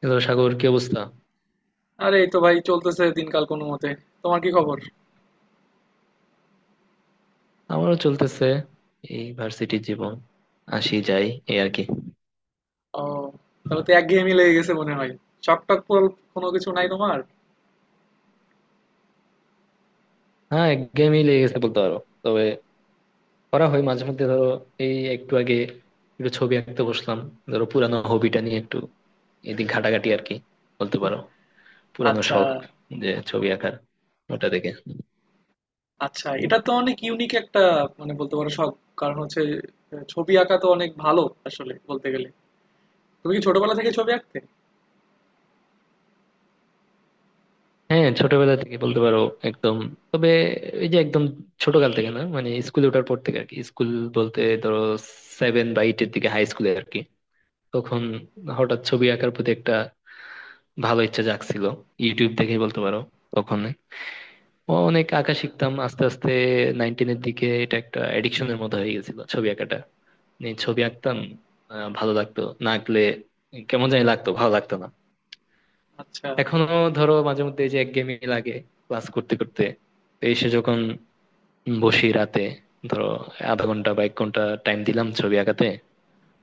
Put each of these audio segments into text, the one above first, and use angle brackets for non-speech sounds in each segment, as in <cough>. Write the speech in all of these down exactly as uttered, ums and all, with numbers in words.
Hello, Sagar, কি অবস্থা? আরে এই তো ভাই চলতেছে দিনকাল কোনো মতে। তোমার কি খবর? আমারও চলতেছে। এই ভার্সিটির জীবন, আসি যাই, এই আর কি। ও, তাহলে তো একঘেয়েমি লেগে গেছে মনে হয়। শখ টখ পর- কোনো কিছু নাই তোমার? হ্যাঁ, একঘেয়েমি লেগে গেছে বলতে পারো। তবে করা হয় মাঝে মধ্যে, ধরো এই একটু আগে একটু ছবি আঁকতে বসলাম। ধরো পুরানো হবিটা নিয়ে একটু এদিক ঘাটাঘাটি আর কি, বলতে পারো পুরানো আচ্ছা, শখ, যে ছবি আঁকার, ওটা দেখে। আচ্ছা, এটা তো অনেক ইউনিক একটা, মানে বলতে পারো শখ। কারণ হচ্ছে আহ, ছবি আঁকা তো অনেক ভালো আসলে বলতে গেলে। তুমি কি ছোটবেলা থেকে ছবি আঁকতে? হ্যাঁ, ছোটবেলা থেকে বলতে পারো একদম। তবে এই যে একদম ছোটকাল থেকে না, মানে স্কুলে ওঠার পর থেকে আর কি। স্কুল বলতে ধরো সেভেন বা এইটের দিকে, হাই স্কুলে আর কি। তখন হঠাৎ ছবি আঁকার প্রতি একটা ভালো ইচ্ছা জাগছিল। ইউটিউব দেখে বলতে পারো, তখন অনেক আঁকা শিখতাম আস্তে আস্তে। নাইন টেনের দিকে এটা একটা এডিকশনের মতো হয়ে গেছিল ছবি আঁকাটা নিয়ে, ছবি আঁকতাম। আহ, ভালো লাগতো না আঁকলে, কেমন জানি লাগতো, ভালো লাগতো না। আচ্ছা। এখনো ধরো মাঝে মধ্যে এই যে একঘেয়েমি লাগে ক্লাস করতে করতে, তো এসে যখন বসি রাতে ধরো আধা ঘন্টা বা এক ঘন্টা টাইম দিলাম ছবি আঁকাতে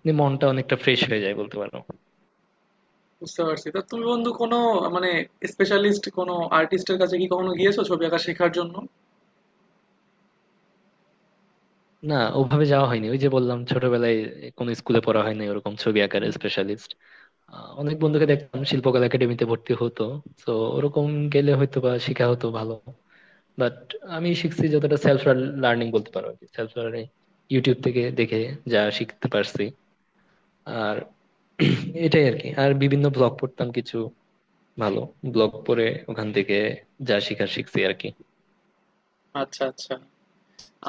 নিয়ে, মনটা অনেকটা ফ্রেশ হয়ে যায় বলতে পারো। বুঝতে পারছি। তা তুমি বন্ধু কোনো, মানে স্পেশালিস্ট কোনো আর্টিস্টের কাছে কি কখনো গিয়েছো ছবি আঁকা শেখার জন্য? না, ওভাবে যাওয়া হয়নি, ওই যে বললাম ছোটবেলায় কোনো স্কুলে পড়া হয়নি ওরকম, ছবি আঁকার হুম। স্পেশালিস্ট। অনেক বন্ধুকে দেখতাম শিল্পকলা একাডেমিতে ভর্তি হতো, তো ওরকম গেলে হয়তো বা শেখা হতো ভালো। বাট আমি শিখছি যতটা সেলফ লার্নিং বলতে পারো, সেলফ লার্নিং, ইউটিউব থেকে দেখে যা শিখতে পারছি আর <clears throat> এটাই আর কি। আর বিভিন্ন ব্লগ পড়তাম, কিছু ভালো ব্লগ পড়ে ওখান থেকে যা শিখার শিখছি আর কি। আচ্ছা, আচ্ছা,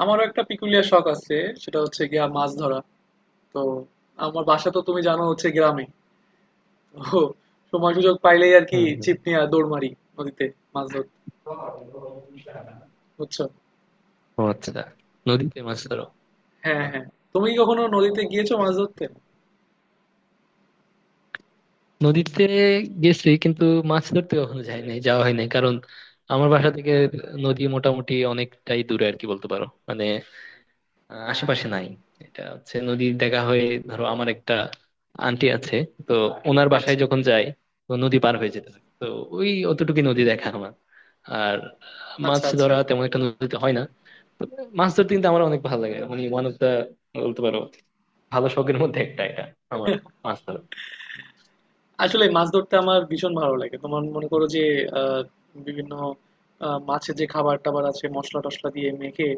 আমারও একটা পিকুলিয়ার শখ আছে। সেটা হচ্ছে গিয়া মাছ ধরা। তো আমার বাসা তো তুমি জানো হচ্ছে গ্রামে। তো সময় সুযোগ পাইলেই আর কি হম হম। ছিপ নিয়ে দৌড় মারি নদীতে মাছ ধরতে। বুঝছো? ও আচ্ছা, নদীতে মাছ ধরো। হ্যাঁ, হ্যাঁ। তুমি কি কখনো নদীতে গিয়েছো মাছ ধরতে? নদীতে গেছি কিন্তু মাছ ধরতে কখনো যাই নাই, যাওয়া হয় নাই, কারণ আমার বাসা থেকে নদী মোটামুটি অনেকটাই দূরে আর কি, বলতে পারো মানে আহ, আশেপাশে নাই। এটা হচ্ছে নদী দেখা হয়ে, ধরো আমার একটা আন্টি আছে, তো ওনার আচ্ছা, বাসায় যখন যাই তো নদী পার হয়ে যেতে হয়, তো ওই অতটুকুই নদী দেখা আমার। আর আচ্ছা, মাছ আচ্ছা। ধরা তেমন একটা নদীতে হয় না, তো মাছ ধরতে কিন্তু আমার অনেক ভালো লাগে, মানে ওয়ান অফ দা, বলতে পারো ভালো শখের মধ্যে একটা এটা আমার, মাছ ধরা। আসলে মাছ ধরতে আমার ভীষণ ভালো লাগে। তোমার মনে করো যে আহ, বিভিন্ন আহ, মাছের যে খাবার টাবার আছে মশলা টশলা দিয়ে মেখে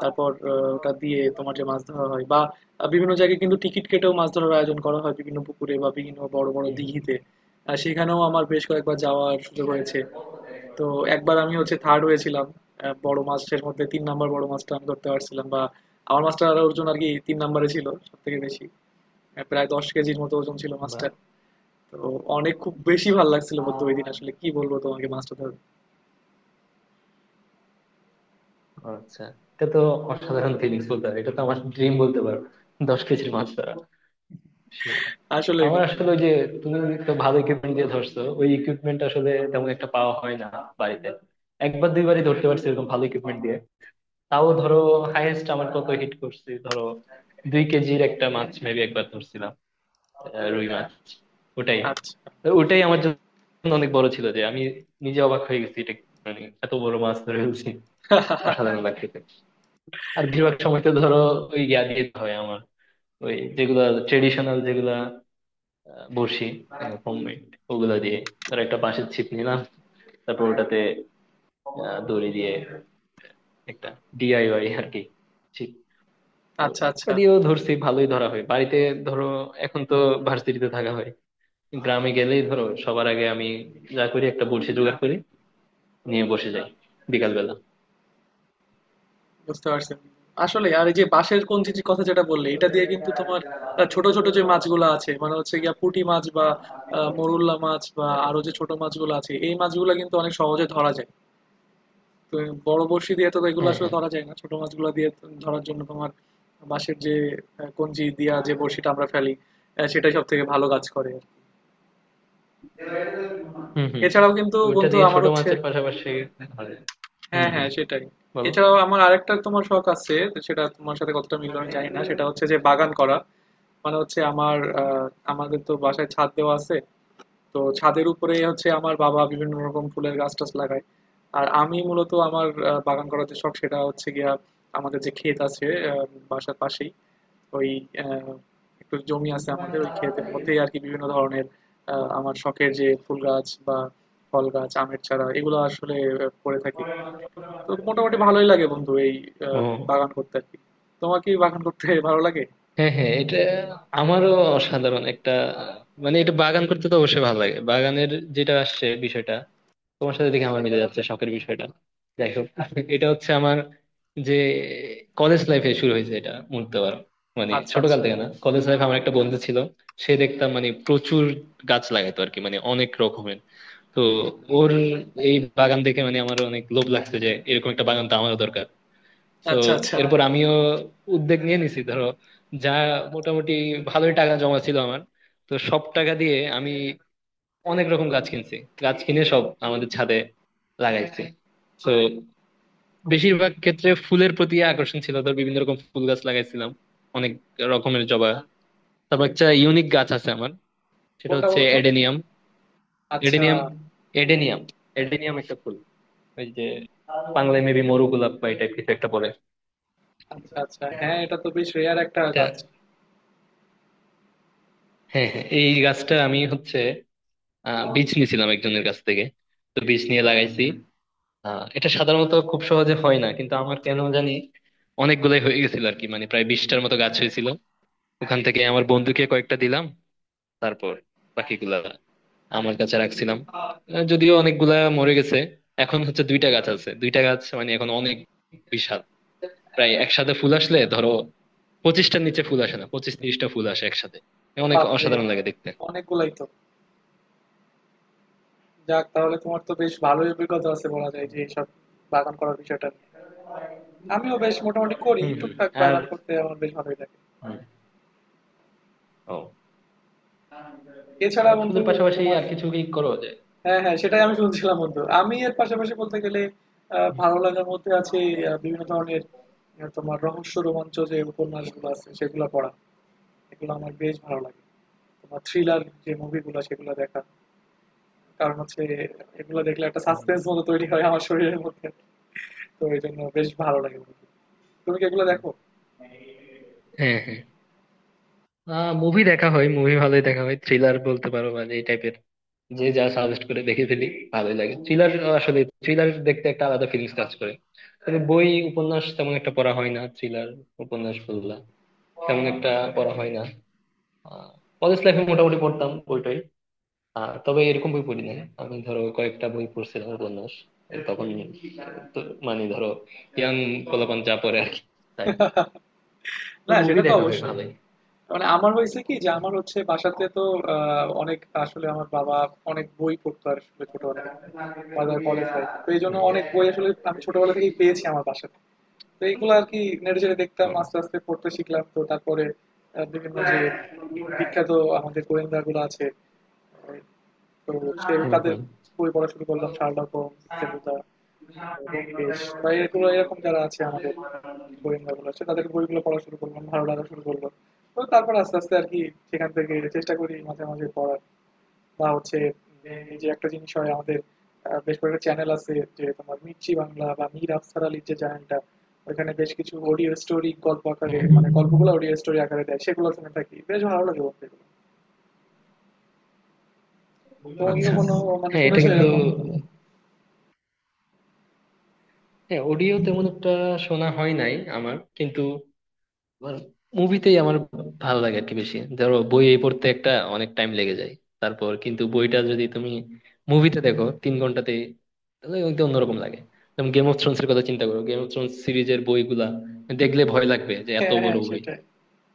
তারপর আহ, ওটা হুম, হুম, দিয়ে তোমার যে মাছ ধরা হয় বা আহ, বিভিন্ন জায়গায় কিন্তু টিকিট কেটেও মাছ ধরার আয়োজন করা হয় বিভিন্ন পুকুরে বা বিভিন্ন বড় বড় দিঘিতে। আহ, সেখানেও আমার বেশ কয়েকবার যাওয়ার সুযোগ হয়েছে। তো একবার আমি হচ্ছে থার্ড হয়েছিলাম। আহ, হুম, বড় মাছের মধ্যে তিন নাম্বার বড় মাছটা আমি ধরতে পারছিলাম বা আমার মাছটার ওজন আর কি তিন নাম্বারে ছিল সব থেকে বেশি। আহ, প্রায় দশ কেজির মতো ওজন ছিল মাছটা। বাহ। তো অনেক, খুব বেশি ভালো লাগছিল বন্ধু ওই দিন, আসলে কি বলবো তোমাকে মাছটা ধর। আচ্ছা, এটা তো অসাধারণ ফিলিংস বলতে পারো, এটা তো আমার ড্রিম বলতে পারো, দশ কেজির মাছ ধরা, সেই। আসলেই আমার বন্ধু আসলে ওই এটা। যে, তুমি তো ভালো ইকুইপমেন্ট দিয়ে ধরছো, ওই ইকুইপমেন্ট আসলে তেমন একটা পাওয়া হয় না বাড়িতে। একবার দুইবারই ধরতে পারছি এরকম ভালো ইকুইপমেন্ট দিয়ে। তাও ধরো হাইয়েস্ট আমার কত হিট করছি, ধরো দুই কেজির একটা মাছ মেবি একবার ধরছিলাম, আহ, রুই মাছ, ওটাই। আচ্ছা, তো ওটাই আমার জন্য অনেক বড় ছিল যে আমি নিজে অবাক হয়ে গেছি এটা, মানে এত বড় মাছ ধরে ফেলছি, অসাধারণ লাগতেছে। আর বেশিরভাগ সময় তো ধরো ওই ইয়া দিয়ে হয় আমার, ওই যেগুলা ট্রেডিশনাল যেগুলা আহ, বড়শি, হোমমেড, ওগুলা দিয়ে। ধর একটা বাঁশের ছিপ নিলাম, তারপর ওটাতে আহ, দড়ি দিয়ে একটা ডিআইওয়াই আর কি ছিপ, তো আচ্ছা, আচ্ছা। ওটা দিয়েও ধরছি, ভালোই ধরা হয় বাড়িতে। ধরো এখন তো ভার্সিটিতে থাকা হয়, গ্রামে গেলেই ধরো সবার আগে আমি যা করি একটা বড়শি জোগাড় করি, নিয়ে বসে যাই বিকাল বেলা। বুঝতে পারছি। আসলে আর এই যে বাঁশের কঞ্চির কথা যেটা বললে এটা দিয়ে কিন্তু তোমার আহ, ছোট ছোট যে মাছগুলো আছে মানে হচ্ছে গিয়া পুঁটি মাছ বা আহ, মোরুল্লা মাছ বা আরো যে ছোট মাছগুলো আছে এই মাছগুলো কিন্তু অনেক সহজে ধরা যায়। তো বড় বড়শি দিয়ে তো এগুলো হ্যাঁ আসলে হ্যাঁ। ধরা যায় না, ছোট মাছগুলো দিয়ে তো ধরার জন্য তোমার বাঁশের যে আহ, কঞ্চি দিয়া যে বড়শিটা আমরা ফেলি আহ, সেটাই সব থেকে ভালো কাজ করে। হুম হুম। এছাড়াও কিন্তু ওইটা বন্ধু দিয়ে আমার ছোট হচ্ছে, মাছের পাশাপাশি ধরে। হুম হ্যাঁ, হুম, হ্যাঁ, সেটাই। বলো। এছাড়াও আমার আরেকটা তোমার শখ আছে, তো সেটা তোমার সাথে কতটা মিললো আমি জানি না, সেটা হচ্ছে যে বাগান করা। মানে হচ্ছে আমার আহ, আমাদের তো বাসায় ছাদ দেওয়া আছে। তো ছাদের উপরে হচ্ছে আমার বাবা বিভিন্ন রকম ফুলের গাছ টাছ লাগায়। আর আমি মূলত আমার আহ, বাগান করার যে শখ সেটা হচ্ছে গিয়া আমাদের যে ক্ষেত আছে আহ, বাসার পাশেই ওই আহ, একটু জমি আছে আমাদের, ওই ক্ষেতের মধ্যেই আর কি বিভিন্ন ধরনের আহ, আমার শখের যে ফুল গাছ বা ফল গাছ আমের চারা এগুলো আসলে আহ, করে থাকি। তো মোটামুটি ভালোই লাগে বন্ধু এই আহ, ও, বাগান করতে আর কি। তোমার কি বাগান করতে <laughs> ভালো লাগে? হ্যাঁ হ্যাঁ, এটা আমারও অসাধারণ একটা, মানে এটা, বাগান করতে তো অবশ্যই ভালো লাগে। বাগানের যেটা আসছে বিষয়টা, তোমার সাথে দেখে আমার মিলে যাচ্ছে শখের বিষয়টা। যাই হোক, এটা হচ্ছে আমার যে কলেজ লাইফে শুরু হয়েছে এটা বলতে পারো, মানে আচ্ছা, ছোটকাল আচ্ছা, থেকে না। কলেজ লাইফে আমার একটা বন্ধু ছিল, সে দেখতাম মানে প্রচুর গাছ লাগাইতো আর কি, মানে অনেক রকমের। তো ওর এই বাগান দেখে মানে আমার অনেক লোভ লাগছে যে এরকম একটা বাগান তো আমারও দরকার। তো আচ্ছা, আচ্ছা। এরপর আমিও উদ্যোগ নিয়ে নিছি, ধরো যা মোটামুটি ভালোই টাকা জমা ছিল আমার, তো সব টাকা দিয়ে আমি অনেক রকম গাছ কিনছি, গাছ কিনে সব আমাদের ছাদে লাগাইছি। তো বেশিরভাগ ক্ষেত্রে ফুলের প্রতি আকর্ষণ ছিল, ধর বিভিন্ন রকম ফুল গাছ লাগাইছিলাম, অনেক রকমের জবা। তারপর একটা ইউনিক গাছ আছে আমার, সেটা কোনটা হচ্ছে বলো তো? এডেনিয়াম। আচ্ছা, এডেনিয়াম, এডেনিয়াম, এডেনিয়াম একটা ফুল, ওই যে বাংলায় মেবি মরু গোলাপ বা এই টাইপ কিছু একটা পড়ে। আচ্ছা, আচ্ছা, হ্যাঁ, এটা তো বেশ রেয়ার একটা এটা, গাছ। হ্যাঁ হ্যাঁ, এই গাছটা আমি হচ্ছে আহ বীজ নিয়েছিলাম একজনের কাছ থেকে, তো বীজ নিয়ে লাগাইছি। আহ এটা সাধারণত খুব সহজে হয় না কিন্তু আমার কেন জানি অনেকগুলাই হয়ে গেছিল আর কি, মানে প্রায় বিশটার মতো গাছ হয়েছিল। ওখান থেকে আমার বন্ধুকে কয়েকটা দিলাম, তারপর বাকিগুলা আমার কাছে রাখছিলাম। আহ, যদিও অনেকগুলা মরে গেছে, এখন হচ্ছে দুইটা গাছ আছে। দুইটা গাছ মানে এখন অনেক বিশাল, প্রায় একসাথে ফুল আসলে ধরো পঁচিশটার নিচে ফুল আসে না, পঁচিশ তিরিশটা ফুল আসে একসাথে, অনেক বাপরে, অসাধারণ লাগে দেখতে। অনেকগুলাই তো! যাক, তাহলে তোমার তো বেশ ভালোই অভিজ্ঞতা আছে বলা যায় যে এইসব বাগান করার বিষয়টা নিয়ে। আমিও বেশ মোটামুটি করি, হম হম। টুকটাক আর বাগান করতে আমার বেশ ভালোই লাগে। হুম, ও। এছাড়া আর বন্ধু ফুলের পাশাপাশি তোমার আর কিছু কি করো যে? হ্যাঁ, হ্যাঁ, সেটাই আমি শুনছিলাম বন্ধু। আমি এর পাশাপাশি বলতে গেলে আহ, ভালো লাগার মধ্যে হুম। আছে আহ, বিভিন্ন ধরনের আহ, তোমার রহস্য রোমাঞ্চ যে উপন্যাসগুলো আছে সেগুলো পড়া। এগুলো আমার বেশ ভালো লাগে। তোমার থ্রিলার যে মুভিগুলো সেগুলো দেখা, কারণ হচ্ছে এগুলো দেখলে একটা হুম, সাসপেন্স মতো তৈরি হয় আমার শরীরের মধ্যে। তো এই জন্য বেশ ভালো লাগে বন্ধু। তুমি কি এগুলো হুম। দেখো? হ্যাঁ, হ্যাঁ, মুভি দেখা হয়, মুভি ভালোই দেখা হয়, থ্রিলার বলতে পারো মানে এই টাইপের, যে যা সাজেস্ট করে দেখে ফেলি, ভালোই লাগে থ্রিলার। আসলে থ্রিলার দেখতে একটা আলাদা ফিলিংস কাজ করে। তবে বই উপন্যাস তেমন একটা পড়া হয় না, থ্রিলার উপন্যাস বললা তেমন একটা পড়া হয় না। কলেজ লাইফে মোটামুটি পড়তাম বইটাই, আহ, তবে এরকম বই পড়ি না। আমি ধরো কয়েকটা বই পড়ছিলাম উপন্যাস তখন, তো- মানে ধরো ইয়াং পোলাপান যা পড়ে আর কি, তাই। তো না মুভি সেটা তো দেখা হয় অবশ্যই। ভালোই। মানে আমার হয়েছে কি যে আমার হচ্ছে বাসাতে তো আহ, অনেক আসলে আমার বাবা অনেক বই পড়তো আর আসলে ছোটবেলা থেকে। বা ধর কলেজ লাইফে, তো এই জন্য হুম। অনেক বই আসলে আমি ছোটবেলা থেকেই পেয়েছি আমার বাসাতে। তো এইগুলো আর কি নেড়ে চেড়ে দেখতাম ও। আস্তে আস্তে পড়তে শিখলাম, তো তারপরে আহ, বিভিন্ন যে বিখ্যাত আমাদের গোয়েন্দা গুলো আছে আহ, তো হুম সে তাদের হুম বই পড়া শুরু করলাম: শার্লক হোমস, ফেলুদা, তারপর ব্যোমকেশ বা এগুলো, এরকম যারা আছে আমাদের গোয়েন্দা গুলো আছে তাদের বইগুলো পড়া শুরু করলাম, ভালো লাগা শুরু করলো। তো তারপর আস্তে আস্তে আর কি সেখান থেকে চেষ্টা করি মাঝে মাঝে পড়ার বা হচ্ছে উম, এই যে একটা জিনিস হয় আমাদের আহ, বেশ কয়েকটা চ্যানেল আছে যে তোমার মির্চি বাংলা বা মীর আফসার আলীর যে চ্যানেলটা, ওখানে বেশ কিছু অডিও স্টোরি গল্প আকারে, হুম হুম মানে হুম। গল্পগুলো অডিও স্টোরি আকারে দেয়, সেগুলো শুনে থাকি, বেশ ভালো লাগে বলতে গেলে। তুমি কি আচ্ছা, কখনো মানে হ্যাঁ এটা শুনেছো কিন্তু, এরকম? হ্যাঁ অডিও তেমন একটা শোনা হয় নাই আমার কিন্তু, মুভিতেই আমার ভালো লাগে আর কি বেশি। ধরো বই এই পড়তে একটা অনেক টাইম লেগে যায়, তারপর কিন্তু বইটা যদি তুমি মুভিতে দেখো তিন ঘন্টাতে, তাহলে একটু অন্যরকম লাগে। যেমন গেম অফ থ্রোনস এর কথা চিন্তা করো, গেম অফ থ্রোনস সিরিজের বইগুলা দেখলে ভয় লাগবে যে এত হ্যাঁ, বড় হ্যাঁ, বই, সেটাই।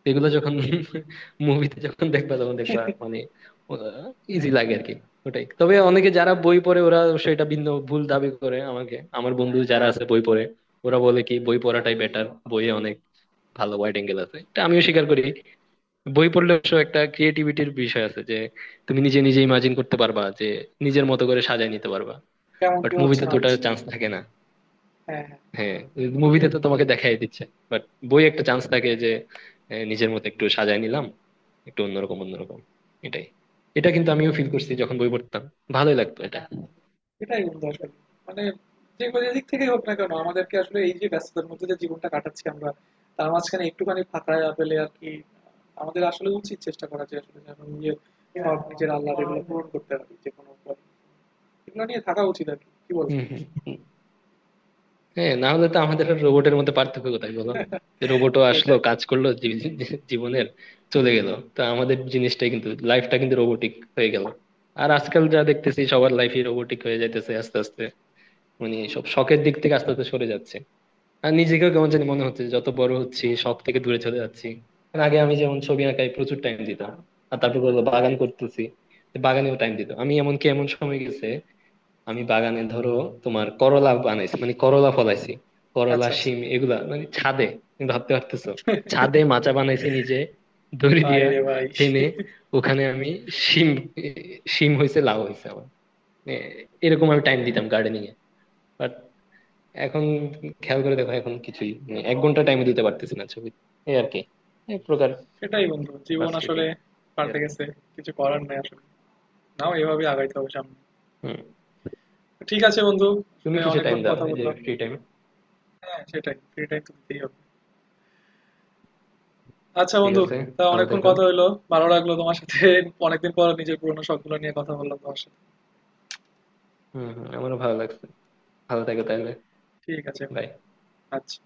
এগুলো যখন <laughs> মুভিতে যখন দেখবা তখন দেখবা মানে ইজি লাগে আর কি, ওটাই। তবে অনেকে যারা বই পড়ে ওরা সেটা ভিন্ন ভুল দাবি করে আমাকে। আমার বন্ধু যারা আছে বই পড়ে ওরা বলে কি বই পড়াটাই বেটার, বইয়ে অনেক ভালো ওয়াইড অ্যাঙ্গেল আছে, এটা আমিও স্বীকার করি। বই পড়লে অবশ্য একটা ক্রিয়েটিভিটির বিষয় আছে যে তুমি নিজে নিজে ইমাজিন করতে পারবা, যে নিজের মতো করে সাজায় নিতে পারবা। কেমন বাট কি হচ্ছে মুভিতে না তো ওটার হচ্ছে। চান্স থাকে না। হ্যাঁ, হ্যাঁ। হ্যাঁ, মুভিতে তো তোমাকে দেখাই দিচ্ছে, বাট বই একটা চান্স থাকে যে এ, নিজের মতো একটু সাজায় নিলাম, একটু অন্যরকম অন্যরকম, এটাই। এটা কিন্তু আমিও ফিল করছি যখন বই পড়তাম, ভালোই লাগতো এটা। এটাই বন্ধু আসলে, মানে যে কোনো দিক থেকেই হোক না কেন আমাদেরকে আসলে, এই যে ব্যস্ততার মধ্যে যে জীবনটা কাটাচ্ছি আমরা তার মাঝখানে একটুখানি ফাঁকা পেলে আর কি আমাদের আসলে উচিত চেষ্টা করা যে আসলে যেন নিজের শখ নিজের আহ্লাদ এগুলো পূরণ করতে পারি যে কোনো উপায়। এগুলো নিয়ে থাকা উচিত আর কি, কি বল? হম হম হম। হ্যাঁ, না হলে তো আমাদের রোবটের মধ্যে পার্থক্য কোথায় বলো, যে রোবটও আসলো সেটাই। কাজ করলো জী- জী- জীবনের চলে গেল। তো আমাদের জিনিসটাই কিন্তু লাইফটা কিন্তু রোবোটিক হয়ে গেল। আর আজকাল যা দেখতেছি সবার লাইফই রোবোটিক হয়ে যাইতেছে আস্তে আস্তে, মানে সব শখের দিক থেকে আস্তে আস্তে সরে যাচ্ছে। আর নিজেকেও কেমন জানি মনে হচ্ছে যে যত বড় হচ্ছি শখ থেকে দূরে চলে যাচ্ছি। কারণ আগে আমি যেমন ছবি আঁকায় প্রচুর টাইম দিতাম, আর তারপর বললো বাগান করতেছি, তো বাগানেও টাইম দিতাম আমি। এমনকি এমন সময় গেছে আমি বাগানে ধরো তোমার করলা বানাইছি, মানে করলা ফলাইছি, করলা আচ্ছা, আচ্ছা। শিম এগুলা মানে ছাদে। তুমি ভাবতে পারতেছো, ছাদে মাচা বানাইছি নিজে, দড়ি ভাই দিয়া রে ভাই! টেনে, ওখানে আমি শিম, শিম হয়েছে, লাউ হয়েছে আমার। মানে এরকম আমি টাইম দিতাম গার্ডেনিং এ। এখন খেয়াল করে দেখো, এখন কিছুই মানে এক ঘন্টা টাইমে দিতে পারতেছি না ছবি, এই আর কি, এক প্রকার সেটাই বন্ধু, জীবন আসলে ফ্রাস্ট্রেটিং। পাল্টে গেছে, কিছু করার নাই আসলে। নাও, এভাবে আগাইতে হবে সামনে। হুম। ঠিক আছে বন্ধু, তুমি আসলে কিসে টাইম অনেকক্ষণ দাও কথা এই যে বললাম। Free time? হ্যাঁ, সেটাই, ফ্রি টাইম তো দিতেই হবে। আচ্ছা ঠিক বন্ধু, আছে, তা ভালো অনেকক্ষণ থেকো। কথা হইলো। ভালো লাগলো তোমার সাথে, অনেকদিন পর নিজের পুরোনো শখ গুলো নিয়ে কথা বললাম তোমার সাথে। হুম হুম, আমারও ভালো লাগছে, ভালো থেকো তাহলে। ঠিক আছে বন্ধু, Bye. আচ্ছা।